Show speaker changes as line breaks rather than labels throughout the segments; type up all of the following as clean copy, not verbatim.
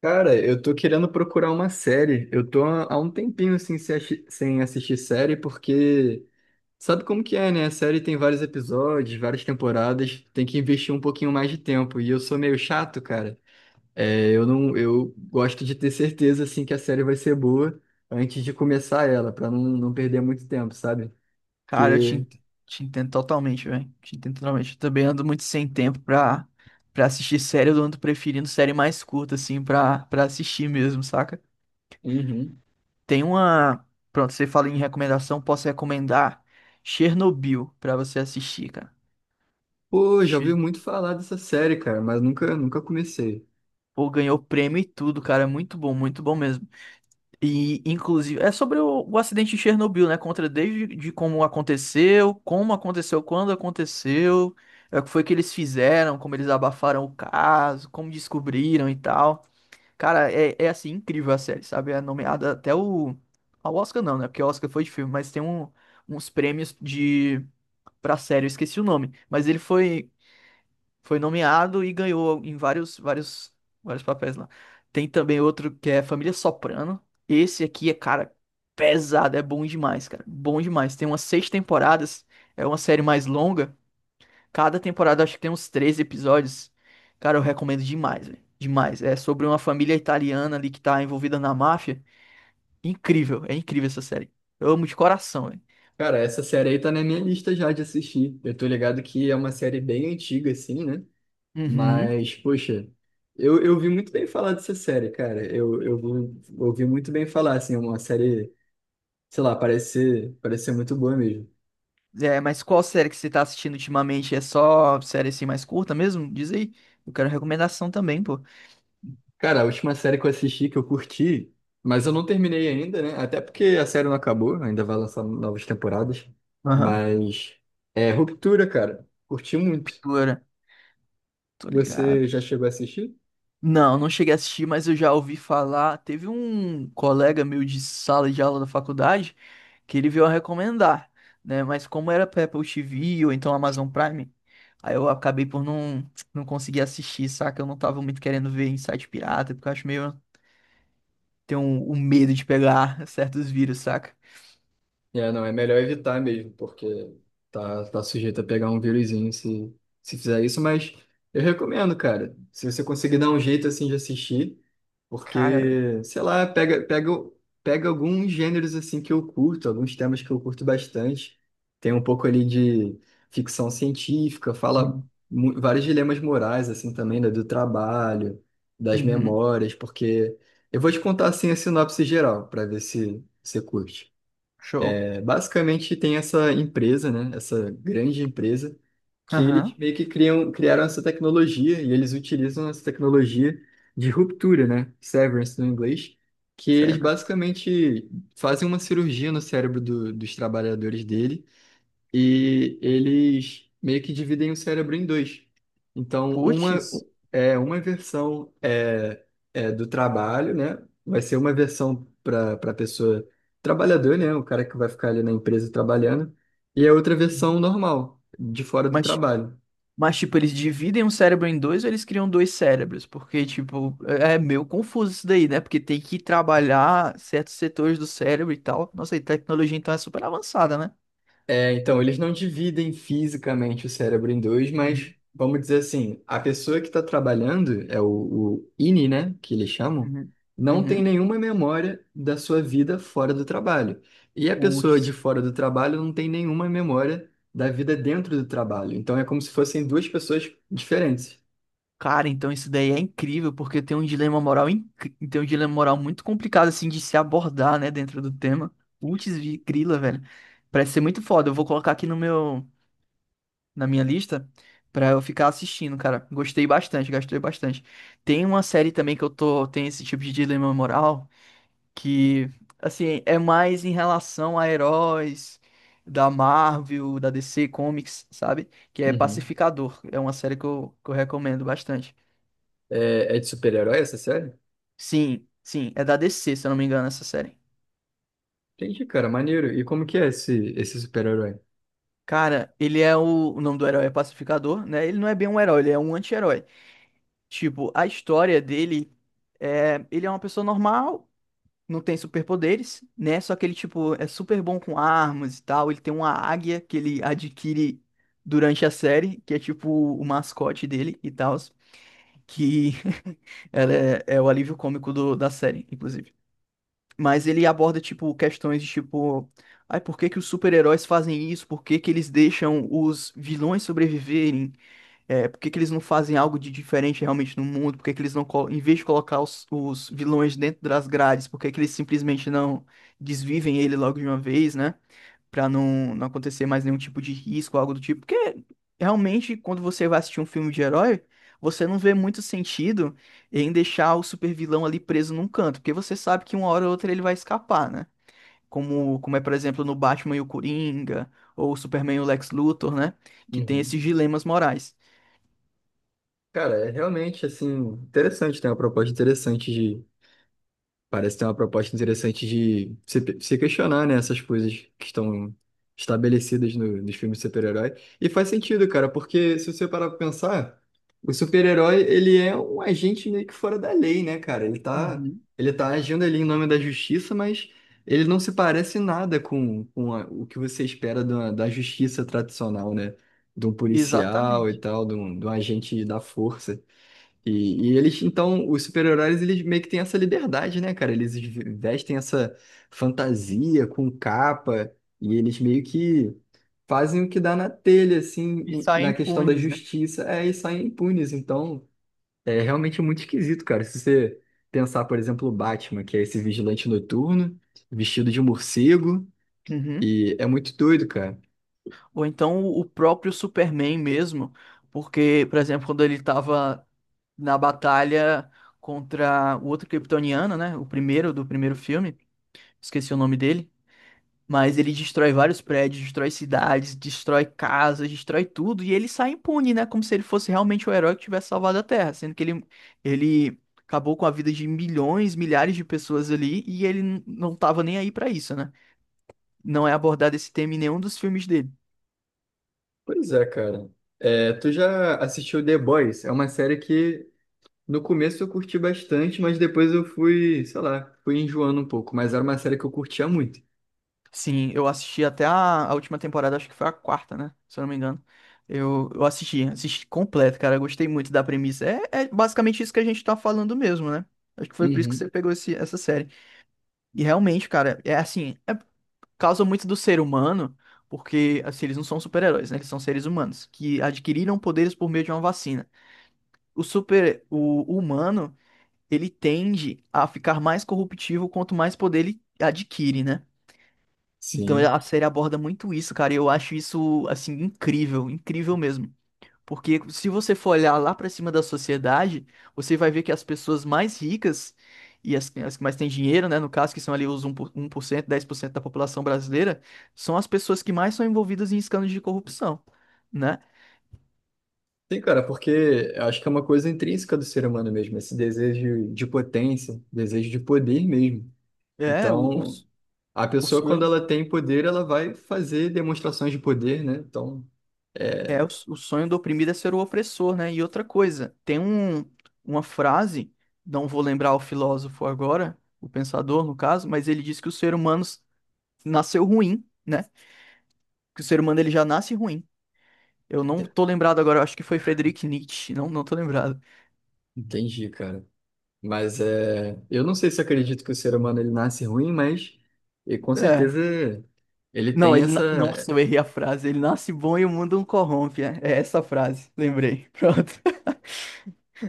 Cara, eu tô querendo procurar uma série. Eu tô há um tempinho assim, sem assistir série, porque sabe como que é, né? A série tem vários episódios, várias temporadas, tem que investir um pouquinho mais de tempo. E eu sou meio chato, cara. É, eu não, Eu gosto de ter certeza assim que a série vai ser boa antes de começar ela, pra não perder muito tempo, sabe?
Cara,
Porque,
te entendo totalmente, velho. Te entendo totalmente. Eu também ando muito sem tempo pra assistir série. Eu ando preferindo série mais curta, assim, pra assistir mesmo, saca?
uhum,
Tem uma. Pronto, você fala em recomendação, posso recomendar Chernobyl pra você assistir, cara.
pô, já ouvi
Che-
muito falar dessa série, cara, mas nunca comecei.
Pô, ganhou prêmio e tudo, cara. É muito bom mesmo. E, inclusive, é sobre o acidente de Chernobyl, né? Contra desde de como aconteceu, quando aconteceu, o que foi que eles fizeram, como eles abafaram o caso, como descobriram e tal. Cara, é assim, incrível a série, sabe? É nomeada até o. Ao Oscar não, né? Porque o Oscar foi de filme, mas tem um, uns prêmios de pra série, eu esqueci o nome. Mas ele foi. Foi nomeado e ganhou em vários, vários, vários papéis lá. Tem também outro que é Família Soprano. Esse aqui é, cara, pesado, é bom demais, cara. Bom demais. Tem umas seis temporadas, é uma série mais longa. Cada temporada acho que tem uns três episódios. Cara, eu recomendo demais, velho. Demais. É sobre uma família italiana ali que tá envolvida na máfia. Incrível, é incrível essa série. Eu amo de coração, velho.
Cara, essa série aí tá na minha lista já de assistir. Eu tô ligado que é uma série bem antiga, assim, né?
Uhum.
Mas, poxa, eu vi muito bem falar dessa série, cara. Eu ouvi muito bem falar, assim, é uma série, sei lá, parece ser muito boa mesmo.
É, mas qual série que você tá assistindo ultimamente? É só série assim mais curta mesmo? Diz aí. Eu quero recomendação também, pô.
Cara, a última série que eu assisti, que eu curti, mas eu não terminei ainda, né? Até porque a série não acabou, ainda vai lançar novas temporadas.
Aham.
Mas, é Ruptura, cara. Curti muito.
Pintura. Tô ligado.
Você já chegou a assistir?
Não, não cheguei a assistir, mas eu já ouvi falar. Teve um colega meu de sala de aula da faculdade que ele veio a recomendar, né? Mas como era pra Apple TV ou então Amazon Prime, aí eu acabei por não, não conseguir assistir, saca? Eu não tava muito querendo ver em site pirata, porque eu acho meio. Tenho um medo de pegar certos vírus, saca?
É, não, é melhor evitar mesmo, porque tá sujeito a pegar um vírusinho se, se fizer isso, mas eu recomendo, cara. Se você conseguir dar um jeito assim de assistir,
Cara.
porque, sei lá, pega alguns gêneros assim que eu curto, alguns temas que eu curto bastante. Tem um pouco ali de ficção científica, vários dilemas morais, assim, também, né, do trabalho, das
Uhum.
memórias, porque eu vou te contar assim a sinopse geral, para ver se você curte.
Show.
É, basicamente tem essa empresa, né? Essa grande empresa que eles
Aham.
meio que criaram essa tecnologia e eles utilizam essa tecnologia de ruptura, né? Severance no inglês, que eles
Severance.
basicamente fazem uma cirurgia no cérebro dos trabalhadores dele e eles meio que dividem o cérebro em dois. Então,
Puts.
uma versão é do trabalho, né? Vai ser uma versão para pessoa trabalhador, né? O cara que vai ficar ali na empresa trabalhando, e a outra
Uhum.
versão normal, de fora do
Mas,
trabalho.
mas, tipo, eles dividem um cérebro em dois ou eles criam dois cérebros? Porque, tipo, é meio confuso isso daí, né? Porque tem que trabalhar certos setores do cérebro e tal. Nossa, e tecnologia então é super avançada, né?
É, então, eles não dividem fisicamente o cérebro em dois, mas
Uhum.
vamos dizer assim, a pessoa que está trabalhando, é o INI, né, que eles chamam,
Uhum.
não tem
Uhum.
nenhuma memória da sua vida fora do trabalho. E a pessoa
Puts.
de fora do trabalho não tem nenhuma memória da vida dentro do trabalho. Então é como se fossem duas pessoas diferentes.
Cara, então isso daí é incrível, porque tem um dilema moral, tem um dilema moral muito complicado, assim, de se abordar, né, dentro do tema. Putz, grila, velho. Parece ser muito foda. Eu vou colocar aqui no meu, na minha lista pra eu ficar assistindo, cara. Gostei bastante, gostei bastante. Tem uma série também que eu tô, tem esse tipo de dilema moral, que, assim, é mais em relação a heróis da Marvel, da DC Comics, sabe? Que é
Uhum.
Pacificador. É uma série que eu recomendo bastante.
É, é de super-herói essa série?
Sim, sim, é da DC, se eu não me engano, essa série.
Entendi, cara, maneiro. E como que é esse super-herói?
Cara, ele é o nome do herói é Pacificador, né? Ele não é bem um herói, ele é um anti-herói. Tipo, a história dele ele é uma pessoa normal, não tem superpoderes, né? Só que ele tipo é super bom com armas e tal, ele tem uma águia que ele adquire durante a série, que é tipo o mascote dele e tal, que ela é o alívio cômico da série, inclusive. Mas ele aborda, tipo, questões de tipo. Ai, por que que os super-heróis fazem isso? Por que que eles deixam os vilões sobreviverem? É, por que que eles não fazem algo de diferente realmente no mundo? Por que que eles não, em vez de colocar os vilões dentro das grades, por que que eles simplesmente não desvivem ele logo de uma vez, né? Pra não, não acontecer mais nenhum tipo de risco, algo do tipo. Porque realmente, quando você vai assistir um filme de herói, você não vê muito sentido em deixar o supervilão ali preso num canto, porque você sabe que uma hora ou outra ele vai escapar, né? Por exemplo, no Batman e o Coringa, ou o Superman e o Lex Luthor, né? Que tem
Uhum.
esses dilemas morais.
Cara, é realmente assim, interessante, tem uma proposta interessante de. Parece ter uma proposta interessante de se questionar, né, essas coisas que estão estabelecidas nos filmes de super-herói. E faz sentido, cara, porque se você parar pra pensar, o super-herói, ele é um agente meio que fora da lei, né, cara?
Uhum.
Ele tá agindo ali em nome da justiça, mas ele não se parece nada com a o que você espera da justiça tradicional, né? De um policial e
Exatamente.
tal, de um agente da força. E eles, então, os super-heróis, eles meio que têm essa liberdade, né, cara? Vestem essa fantasia com capa e eles meio que fazem o que dá na telha, assim,
E
em-
saem
na questão da
impunes, né?
justiça, é, e saem impunes. Então, é realmente muito esquisito, cara. Se você pensar, por exemplo, o Batman, que é esse vigilante noturno, vestido de morcego,
Uhum.
e é muito doido, cara.
Ou então o próprio Superman mesmo, porque, por exemplo, quando ele tava na batalha contra o outro kryptoniano, né? O primeiro do primeiro filme, esqueci o nome dele, mas ele destrói vários prédios, destrói cidades, destrói casas, destrói tudo e ele sai impune, né? Como se ele fosse realmente o herói que tivesse salvado a Terra, sendo que ele acabou com a vida de milhões, milhares de pessoas ali e ele não tava nem aí pra isso, né? Não é abordado esse tema em nenhum dos filmes dele.
Pois é, cara. É, tu já assistiu The Boys? É uma série que no começo eu curti bastante, mas depois eu fui, sei lá, fui enjoando um pouco. Mas era uma série que eu curtia muito.
Sim, eu assisti até a última temporada, acho que foi a 4ª, né? Se eu não me engano. Eu assisti, assisti completo, cara. Eu Gostei muito da premissa. É, é basicamente isso que a gente tá falando mesmo, né? Acho que foi por isso que você
Uhum.
pegou essa série. E realmente, cara, é assim, é causa muito do ser humano, porque assim, eles não são super-heróis, né? Eles são seres humanos que adquiriram poderes por meio de uma vacina. O humano, ele tende a ficar mais corruptível quanto mais poder ele adquire, né? Então
Sim.
a série aborda muito isso, cara, e eu acho isso, assim, incrível, incrível mesmo. Porque se você for olhar lá pra cima da sociedade, você vai ver que as pessoas mais ricas as que mais têm dinheiro, né, no caso, que são ali os um por 1%, 10% da população brasileira, são as pessoas que mais são envolvidas em escândalos de corrupção, né?
Sim, cara, porque eu acho que é uma coisa intrínseca do ser humano mesmo, esse desejo de potência, desejo de poder mesmo.
É, o-
Então,
os,
a
os,
pessoa, quando ela tem poder, ela vai fazer demonstrações de poder, né? Então,
O sonho do oprimido é ser o opressor, né? E outra coisa, tem um, uma frase, não vou lembrar o filósofo agora, o pensador no caso, mas ele diz que o ser humano nasceu ruim, né? Que o ser humano ele já nasce ruim. Eu não tô lembrado agora, eu acho que foi Friedrich Nietzsche, não, não tô lembrado.
entendi, cara. Mas é, eu não sei se acredito que o ser humano ele nasce ruim, mas e com
É.
certeza ele
Não,
tem
ele.
essa.
Nossa, eu errei a frase. Ele nasce bom e o mundo o corrompe. É, é essa a frase, lembrei. Pronto.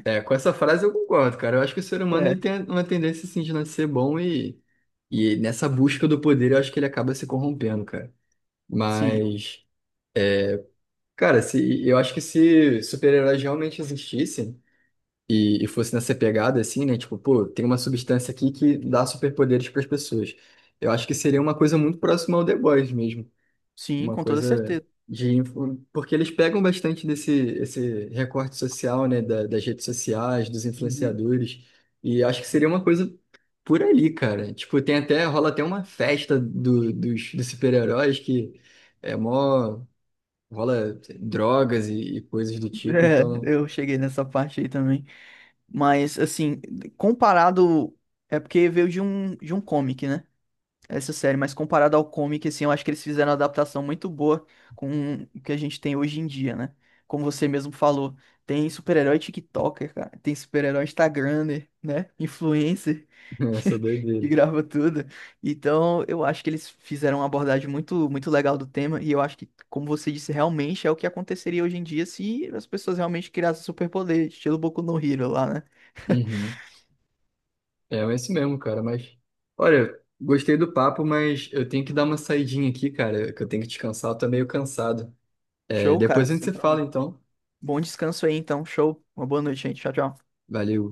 É, com essa frase eu concordo, cara. Eu acho que o ser humano
É,
ele tem uma tendência assim de não ser bom e nessa busca do poder eu acho que ele acaba se corrompendo, cara.
sim,
Mas, cara, se, eu acho que se super-heróis realmente existissem e fosse nessa pegada assim, né? Tipo, pô, tem uma substância aqui que dá superpoderes para as pessoas. Eu acho que seria uma coisa muito próxima ao The Boys mesmo,
sim,
uma
com toda
coisa
certeza.
de influ... porque eles pegam bastante desse esse recorte social, né, da- das redes sociais, dos
Uhum.
influenciadores, e acho que seria uma coisa por ali, cara. Tipo, tem até rola até uma festa dos super-heróis que é mó rola drogas e coisas do tipo,
É,
então
eu cheguei nessa parte aí também. Mas, assim, comparado. É porque veio de um comic, né? Essa série, mas comparado ao comic, assim, eu acho que eles fizeram uma adaptação muito boa com o que a gente tem hoje em dia, né? Como você mesmo falou, tem super-herói TikToker, cara, tem super-herói Instagramer, né? Influencer,
essa
que
doideira.
grava tudo. Então, eu acho que eles fizeram uma abordagem muito, muito legal do tema, e eu acho que, como você disse, realmente é o que aconteceria hoje em dia se as pessoas realmente criassem superpoder, estilo Boku no Hero lá, né?
Uhum. É, é isso mesmo, cara, mas olha, gostei do papo, mas eu tenho que dar uma saidinha aqui, cara, que eu tenho que descansar, eu tô meio cansado. É,
Show, cara,
depois a gente
sem
se fala,
problema.
então.
Bom descanso aí, então. Show. Uma boa noite, gente. Tchau, tchau.
Valeu.